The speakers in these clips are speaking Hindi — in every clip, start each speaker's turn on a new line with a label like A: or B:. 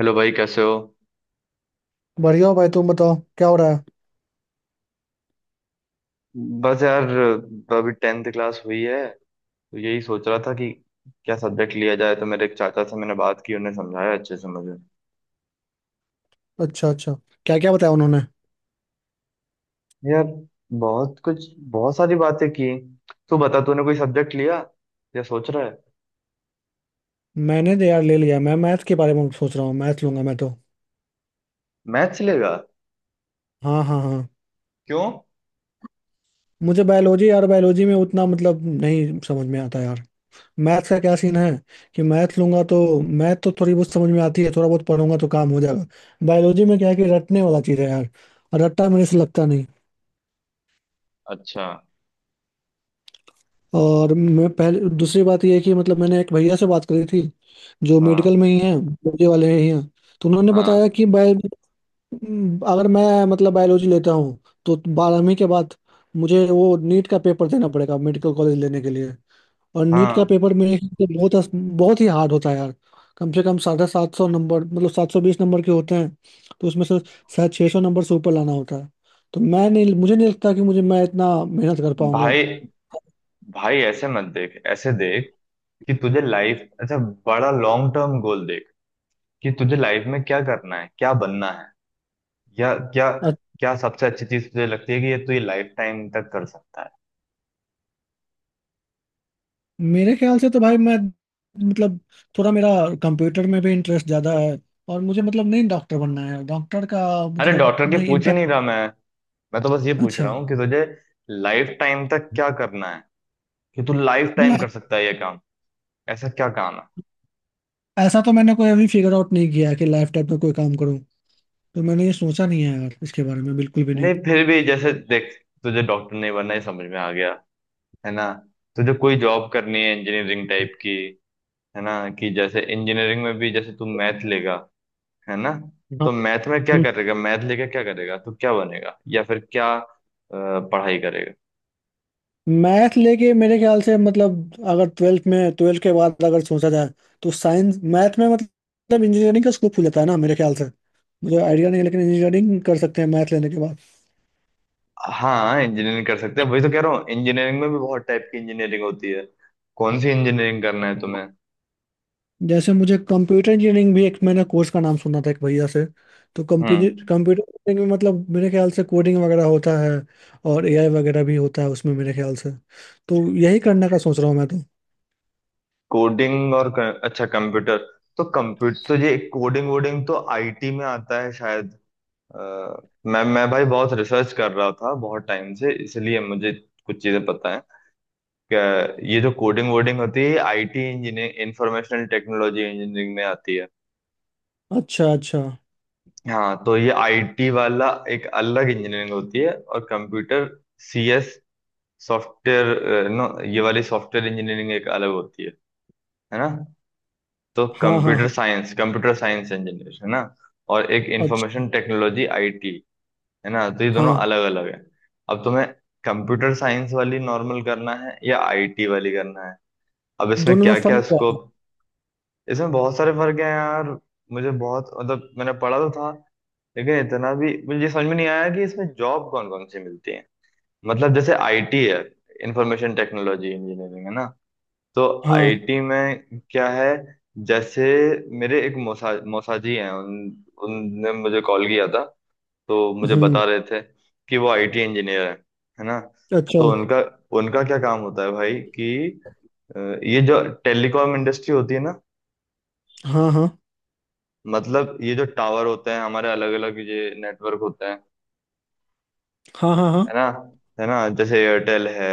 A: हेलो भाई, कैसे हो।
B: बढ़िया हो भाई। तुम बताओ क्या हो रहा है।
A: बस यार, अभी टेंथ क्लास हुई है तो यही सोच रहा था कि क्या सब्जेक्ट लिया जाए। तो मेरे एक चाचा से मैंने बात की, उन्हें समझाया अच्छे से मुझे।
B: अच्छा अच्छा। क्या क्या बताया उन्होंने?
A: यार बहुत कुछ, बहुत सारी बातें की। तू बता, तूने कोई सब्जेक्ट लिया या सोच रहा है।
B: मैंने तो यार ले लिया। मैं मैथ के बारे में सोच रहा हूँ। मैथ लूंगा मैं तो।
A: मैथ्स लेगा?
B: हाँ हाँ हाँ।
A: क्यों?
B: मुझे बायोलॉजी, यार बायोलॉजी में उतना मतलब नहीं समझ में आता यार। मैथ का क्या सीन है कि मैथ लूंगा तो मैथ तो थोड़ी बहुत समझ में आती है। थोड़ा बहुत पढ़ूंगा तो काम हो जाएगा। बायोलॉजी में क्या है कि रटने वाला चीज़ है यार। और रट्टा मेरे से लगता नहीं।
A: अच्छा।
B: और मैं पहले, दूसरी बात यह है कि मतलब मैंने एक भैया से बात करी थी, जो
A: हाँ
B: मेडिकल में ही है, मुझे वाले ही हैं। तो उन्होंने बताया
A: हाँ
B: कि बायो। अगर मैं मतलब बायोलॉजी लेता हूँ तो 12वीं के बाद मुझे वो नीट का पेपर देना पड़ेगा मेडिकल कॉलेज लेने के लिए। और नीट का
A: हाँ।
B: पेपर मेरे हिसाब से बहुत बहुत ही हार्ड होता है यार। कम से कम 750 नंबर, मतलब 720 नंबर के होते हैं। तो उसमें से शायद 600 नंबर से ऊपर लाना होता है। तो मैं नहीं, मुझे नहीं लगता कि मुझे मैं इतना मेहनत कर पाऊंगा।
A: भाई, भाई ऐसे मत देख। ऐसे देख कि तुझे लाइफ, अच्छा बड़ा लॉन्ग टर्म गोल देख कि तुझे लाइफ में क्या करना है, क्या बनना है, क्या क्या,
B: और
A: क्या सबसे अच्छी चीज तुझे लगती है कि ये तू ये लाइफ टाइम तक कर सकता है।
B: मेरे ख्याल से तो भाई मैं मतलब थोड़ा मेरा कंप्यूटर में भी इंटरेस्ट ज़्यादा है। और मुझे मतलब नहीं डॉक्टर बनना है। डॉक्टर का
A: अरे
B: मतलब
A: डॉक्टर के
B: नहीं।
A: पूछ ही नहीं रहा मैं। मैं तो बस ये पूछ रहा
B: अच्छा।
A: हूँ कि तुझे लाइफ टाइम तक क्या करना है, कि तू लाइफ टाइम
B: लाइफ
A: कर सकता है ये काम। ऐसा क्या काम है।
B: ऐसा तो मैंने कोई अभी फिगर आउट नहीं किया है कि लाइफ टाइम में कोई काम करूं। तो मैंने ये सोचा नहीं है यार, इसके बारे में बिल्कुल भी नहीं।
A: नहीं फिर भी जैसे देख, तुझे डॉक्टर नहीं बनना ये समझ में आ गया, है ना। तुझे कोई जॉब करनी है इंजीनियरिंग टाइप की, है ना। कि जैसे इंजीनियरिंग में भी जैसे तू मैथ लेगा, है ना। तो मैथ में क्या करेगा, मैथ लेके क्या करेगा, तू क्या बनेगा या फिर क्या पढ़ाई करेगा।
B: मैथ लेके मेरे ख्याल से, मतलब अगर ट्वेल्थ के बाद अगर सोचा जाए तो साइंस मैथ में मतलब इंजीनियरिंग का स्कोप खुल जाता है ना मेरे ख्याल से। मुझे आइडिया नहीं है लेकिन इंजीनियरिंग कर सकते हैं मैथ लेने के बाद।
A: हाँ इंजीनियरिंग कर सकते हैं, वही तो कह रहा हूँ। इंजीनियरिंग में भी बहुत टाइप की इंजीनियरिंग होती है। कौन सी इंजीनियरिंग करना है तुम्हें।
B: जैसे मुझे कंप्यूटर इंजीनियरिंग भी, एक मैंने कोर्स का नाम सुना था एक भैया से। तो कंप्यूटर
A: हम्म।
B: कंप्यूटर इंजीनियरिंग में मतलब मेरे ख्याल से कोडिंग वगैरह होता है। और एआई वगैरह भी होता है उसमें मेरे ख्याल से। तो यही करने का सोच रहा हूँ मैं तो।
A: कोडिंग और कर, अच्छा कंप्यूटर। तो कंप्यूटर तो ये कोडिंग वोडिंग तो आईटी में आता है शायद। अ, मैं भाई बहुत रिसर्च कर रहा था बहुत टाइम से, इसलिए मुझे कुछ चीजें पता है कि ये जो कोडिंग वोडिंग होती है, IT engineering, informational technology engineering में आती है।
B: अच्छा अच्छा।
A: हाँ, तो ये आईटी वाला एक अलग इंजीनियरिंग होती है, और कंप्यूटर, सीएस सॉफ्टवेयर नो, ये वाली सॉफ्टवेयर इंजीनियरिंग एक अलग होती है ना। तो
B: हाँ हाँ हाँ।
A: Computer science, computer science engineer, है ना। और एक
B: अच्छा।
A: इंफॉर्मेशन टेक्नोलॉजी आईटी, है ना। तो ये दोनों
B: हाँ।
A: अलग अलग है। अब तुम्हें कंप्यूटर साइंस वाली नॉर्मल करना है या आईटी वाली करना है। अब इसमें
B: दोनों में
A: क्या क्या
B: फर्क क्या है?
A: स्कोप। इसमें बहुत सारे फर्क है यार। मुझे बहुत, मतलब मैंने पढ़ा तो था, लेकिन इतना भी मुझे ये समझ में नहीं आया कि इसमें जॉब कौन कौन सी मिलती है। मतलब जैसे आईटी है, इंफॉर्मेशन टेक्नोलॉजी इंजीनियरिंग, है ना। तो
B: हाँ।
A: आईटी में क्या है, जैसे मेरे एक मौसा, मौसाजी हैं, उन, उनने मुझे कॉल किया था तो मुझे
B: हम्म।
A: बता रहे थे कि वो आईटी इंजीनियर है ना।
B: अच्छा।
A: तो उनका, उनका क्या काम होता है भाई कि अ, ये जो टेलीकॉम इंडस्ट्री होती है ना,
B: हाँ हाँ
A: मतलब ये जो टावर होते हैं हमारे अलग अलग, ये नेटवर्क होते हैं,
B: हाँ। हाँ
A: है
B: हाँ
A: ना। है ना, जैसे एयरटेल है,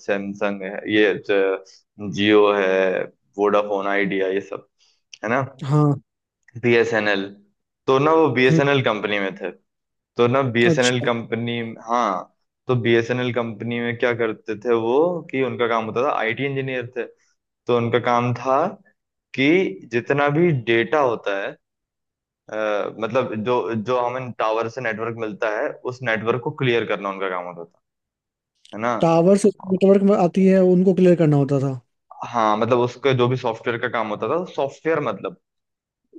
A: सैमसंग है, ये जियो है, वोडाफोन आइडिया, ये सब, है ना।
B: हाँ।
A: बीएसएनएल। तो ना, वो
B: हम्म।
A: बीएसएनएल कंपनी में थे। तो ना बीएसएनएल
B: अच्छा।
A: कंपनी। हाँ, तो बीएसएनएल कंपनी में क्या करते थे वो, कि उनका काम होता था, आईटी इंजीनियर थे तो उनका काम था कि जितना भी डेटा होता है, मतलब जो जो हमें टावर से नेटवर्क मिलता है उस नेटवर्क को क्लियर करना उनका काम होता था, है ना।
B: टावर से नेटवर्क में आती है, उनको क्लियर करना होता था।
A: हाँ, मतलब उसका जो भी सॉफ्टवेयर का काम होता था, सॉफ्टवेयर मतलब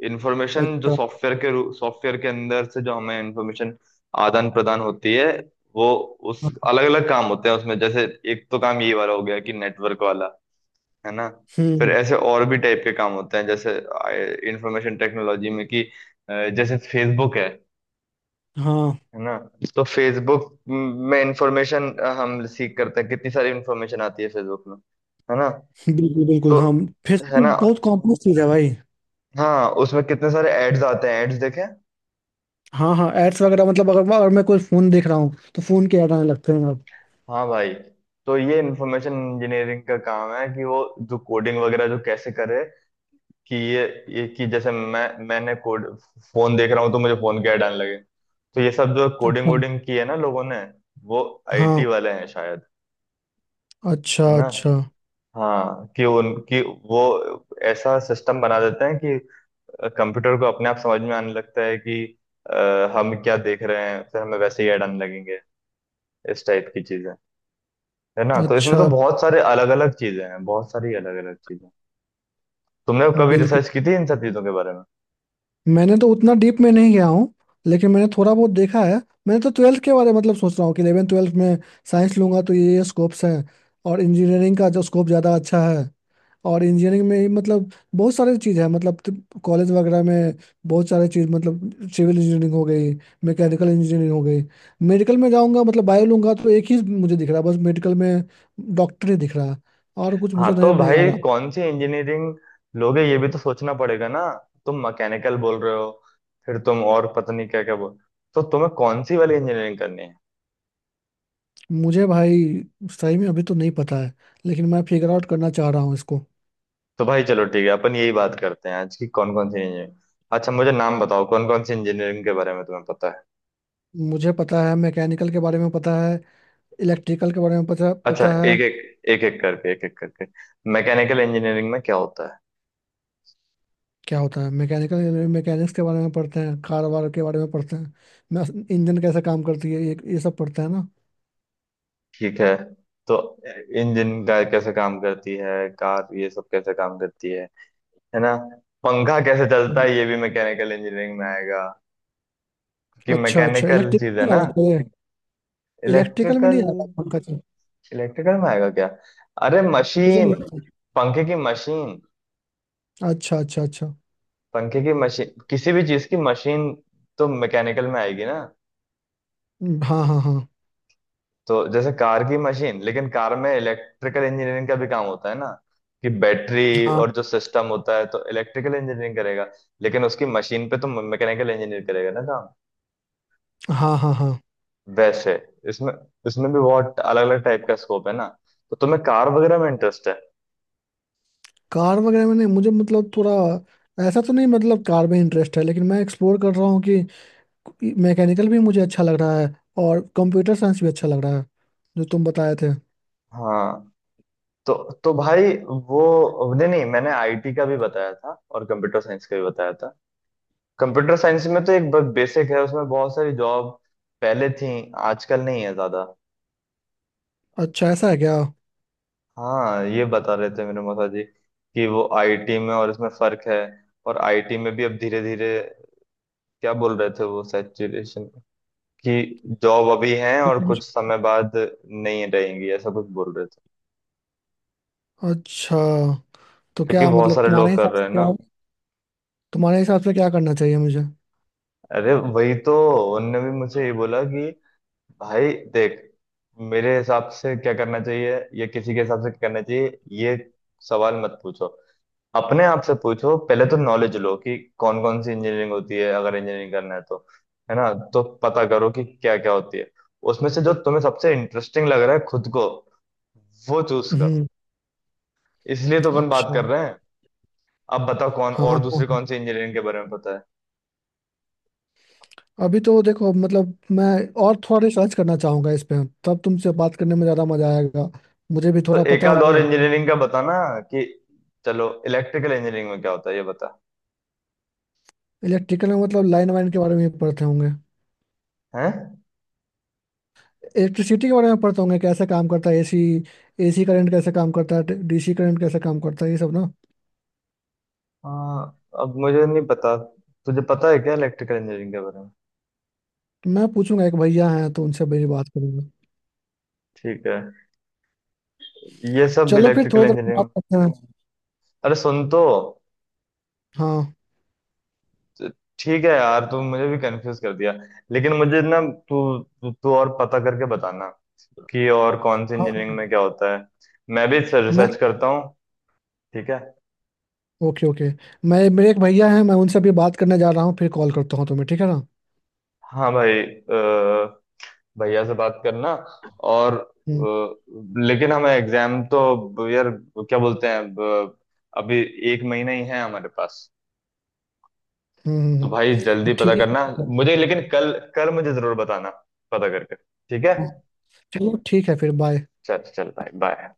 A: इंफॉर्मेशन, जो
B: अच्छा।
A: सॉफ्टवेयर के, सॉफ्टवेयर के अंदर से जो हमें इंफॉर्मेशन आदान प्रदान होती है, वो उस
B: हाँ।
A: अलग अलग काम होते हैं उसमें। जैसे एक तो काम ये वाला हो गया कि नेटवर्क वाला, है ना। फिर
B: हम्म।
A: ऐसे और भी टाइप के काम होते हैं, जैसे इंफॉर्मेशन टेक्नोलॉजी में कि जैसे फेसबुक है
B: हाँ।
A: है ना। तो फेसबुक में इंफॉर्मेशन, हम सीख करते हैं, कितनी सारी इंफॉर्मेशन आती है फेसबुक में, है ना।
B: बिल्कुल बिल्कुल
A: तो,
B: हाँ।
A: है
B: फेसबुक
A: ना।
B: बहुत कॉम्प्लेक्स चीज है भाई।
A: हाँ उसमें कितने सारे एड्स आते हैं, एड्स देखे।
B: हाँ हाँ। एड्स वगैरह मतलब अगर अगर मैं कोई फोन देख रहा हूँ तो फोन के ऐड आने लगते हैं अब।
A: हाँ भाई, तो ये इंफॉर्मेशन इंजीनियरिंग का काम है, कि वो जो कोडिंग वगैरह जो कैसे करे कि ये कि जैसे मैंने कोड, फोन देख रहा हूँ तो मुझे फोन की ऐड आने लगे। तो ये सब जो कोडिंग
B: अच्छा।
A: वोडिंग की है ना लोगों ने, वो आईटी
B: हाँ।
A: वाले हैं शायद,
B: अच्छा
A: है ना।
B: अच्छा
A: हाँ कि उनकी वो ऐसा सिस्टम बना देते हैं कि कंप्यूटर को अपने आप समझ में आने लगता है कि हम क्या देख रहे हैं, फिर हमें वैसे ही ऐड आने लगेंगे, इस टाइप की चीजें, है ना। तो इसमें तो
B: अच्छा।
A: बहुत सारे अलग अलग चीजें हैं, बहुत सारी अलग अलग चीजें। तुमने कभी
B: बिल्कुल।
A: रिसर्च की थी इन सब चीजों के बारे में।
B: मैंने तो उतना डीप में नहीं गया हूँ। लेकिन मैंने थोड़ा बहुत देखा है। मैंने तो ट्वेल्थ के बारे में मतलब सोच रहा हूँ कि इलेवन ट्वेल्थ में साइंस लूंगा तो ये स्कोप्स हैं। और इंजीनियरिंग का जो स्कोप ज़्यादा अच्छा है। और इंजीनियरिंग में ही मतलब बहुत सारे चीज़ है, मतलब कॉलेज वगैरह में बहुत सारे चीज़, मतलब सिविल इंजीनियरिंग हो गई, मैकेनिकल इंजीनियरिंग हो गई। मेडिकल में जाऊंगा मतलब बायो लूंगा तो एक ही मुझे दिख रहा है बस। मेडिकल में डॉक्टर ही दिख रहा है। और कुछ
A: हाँ
B: मुझे नज़र
A: तो
B: नहीं आ
A: भाई
B: रहा।
A: कौन सी इंजीनियरिंग लोगे, ये भी तो सोचना पड़ेगा ना। तुम मैकेनिकल बोल रहे हो, फिर तुम और पता नहीं क्या क्या बोल। तो तुम्हें कौन सी वाली इंजीनियरिंग करनी है।
B: मुझे भाई सही में अभी तो नहीं पता है, लेकिन मैं फिगर आउट करना चाह रहा हूँ इसको।
A: तो भाई चलो ठीक है, अपन यही बात करते हैं आज की, कौन कौन सी इंजीनियरिंग। अच्छा मुझे नाम बताओ कौन कौन सी इंजीनियरिंग के बारे में तुम्हें पता है।
B: मुझे पता है, मैकेनिकल के बारे में पता है, इलेक्ट्रिकल के बारे में पता
A: अच्छा,
B: पता है।
A: एक एक, एक एक करके। मैकेनिकल इंजीनियरिंग में क्या होता है।
B: क्या होता है मैकेनिकल, मैकेनिक्स के बारे में पढ़ते हैं, कार वार के बारे में पढ़ते हैं, मैं इंजन कैसे काम करती है ये सब पढ़ते हैं ना।
A: ठीक है। तो इंजन का कैसे काम करती है, कार ये सब कैसे काम करती है ना। पंखा कैसे चलता
B: हम्म।
A: है ये भी मैकेनिकल इंजीनियरिंग में आएगा, क्योंकि
B: अच्छा अच्छा।
A: मैकेनिकल चीज
B: इलेक्ट्रिकल
A: है
B: में
A: ना।
B: आया था। इलेक्ट्रिकल में
A: इलेक्ट्रिकल,
B: नहीं आया था पंकज सर।
A: इलेक्ट्रिकल में आएगा क्या? अरे
B: मुझे
A: मशीन,
B: नहीं पता।
A: पंखे की मशीन,
B: अच्छा अच्छा अच्छा।
A: किसी भी चीज की मशीन तो मैकेनिकल में आएगी ना।
B: हाँ हाँ हाँ
A: तो जैसे कार की मशीन, लेकिन कार में इलेक्ट्रिकल इंजीनियरिंग का भी काम होता है ना, कि बैटरी
B: हाँ
A: और जो सिस्टम होता है, तो इलेक्ट्रिकल इंजीनियरिंग करेगा, लेकिन उसकी मशीन पे तो मैकेनिकल इंजीनियर करेगा ना काम।
B: हाँ हाँ हाँ।
A: वैसे इसमें, इसमें भी बहुत अलग अलग टाइप का स्कोप है ना। तो तुम्हें कार वगैरह में इंटरेस्ट है।
B: कार वगैरह में नहीं, मुझे मतलब थोड़ा ऐसा तो नहीं, मतलब कार में इंटरेस्ट है लेकिन मैं एक्सप्लोर कर रहा हूँ कि मैकेनिकल भी मुझे अच्छा लग रहा है, और कंप्यूटर साइंस भी अच्छा लग रहा है, जो तुम बताए थे।
A: हाँ तो तो भाई, वो नहीं नहीं, मैंने आईटी का भी बताया था और कंप्यूटर साइंस का भी बताया था। कंप्यूटर साइंस में तो एक बेसिक है, उसमें बहुत सारी जॉब पहले थी, आजकल नहीं है ज्यादा।
B: अच्छा ऐसा है क्या?
A: हाँ ये बता रहे थे मेरे माता जी कि वो आईटी में और इसमें फर्क है। और आईटी में भी अब धीरे धीरे क्या बोल रहे थे वो, सैचुरेशन, कि जॉब अभी है और कुछ समय बाद नहीं रहेंगी, ऐसा कुछ बोल रहे थे,
B: अच्छा। तो
A: क्योंकि
B: क्या
A: बहुत
B: मतलब
A: सारे लोग कर रहे हैं ना।
B: तुम्हारे हिसाब से क्या करना चाहिए मुझे?
A: अरे वही तो, उनने भी मुझे ये बोला कि भाई देख, मेरे हिसाब से क्या करना चाहिए या किसी के हिसाब से क्या करना चाहिए, ये सवाल मत पूछो, अपने आप से पूछो। पहले तो नॉलेज लो कि कौन कौन सी इंजीनियरिंग होती है अगर इंजीनियरिंग करना है तो, है ना। तो पता करो कि क्या क्या होती है, उसमें से जो तुम्हें सबसे इंटरेस्टिंग लग रहा है खुद को वो चूज करो।
B: हम्म।
A: इसलिए तो अपन बात
B: अच्छा।
A: कर रहे हैं। अब बताओ कौन,
B: हाँ हाँ
A: और दूसरी
B: हाँ।
A: कौन सी इंजीनियरिंग के बारे में पता है।
B: अभी तो देखो मतलब मैं और थोड़ा रिसर्च करना चाहूंगा इस पे, तब तुमसे बात करने में ज़्यादा मजा आएगा, मुझे भी
A: तो
B: थोड़ा
A: एक
B: पता
A: आध और
B: होगा।
A: इंजीनियरिंग का बताना, कि चलो इलेक्ट्रिकल इंजीनियरिंग में क्या होता है ये बता।
B: इलेक्ट्रिकल में मतलब लाइन वाइन के बारे में भी पढ़ते होंगे,
A: है।
B: इलेक्ट्रिसिटी के बारे में पढ़ते होंगे, कैसे काम करता है एसी। एसी करंट कैसे काम करता है, डीसी करंट कैसे काम करता है, ये सब ना।
A: हाँ अब मुझे नहीं पता, तुझे पता है क्या इलेक्ट्रिकल इंजीनियरिंग के बारे में।
B: तो मैं पूछूंगा, एक भैया हैं तो उनसे मेरी बात करूंगा।
A: ठीक है, ये सब
B: चलो फिर
A: इलेक्ट्रिकल
B: थोड़ी देर में बात
A: इंजीनियरिंग।
B: करते हैं।
A: अरे सुन तो।
B: हाँ।
A: ठीक है यार, तू मुझे भी कंफ्यूज कर दिया। लेकिन मुझे ना, तू तू तू और पता करके बताना कि और कौन सी
B: हाँ।
A: इंजीनियरिंग में क्या होता है। मैं भी
B: मैं
A: रिसर्च करता हूँ। ठीक है।
B: Okay okay. मैं, मेरे एक भैया हैं, मैं उनसे अभी बात करने जा रहा हूँ, फिर कॉल करता हूँ तुम्हें, ठीक है ना?
A: हाँ भाई, भैया से बात करना, और
B: हम्म
A: लेकिन हमें एग्जाम तो यार, क्या बोलते हैं अब, अभी एक महीना ही है हमारे पास।
B: हम्म हम्म,
A: तो
B: हम्म।
A: भाई
B: तो
A: जल्दी पता
B: ठीक
A: करना
B: है।
A: मुझे, लेकिन कल, कल मुझे जरूर बताना, पता करके, ठीक है।
B: हाँ, चलो ठीक है फिर बाय।
A: चल चल भाई, बाय।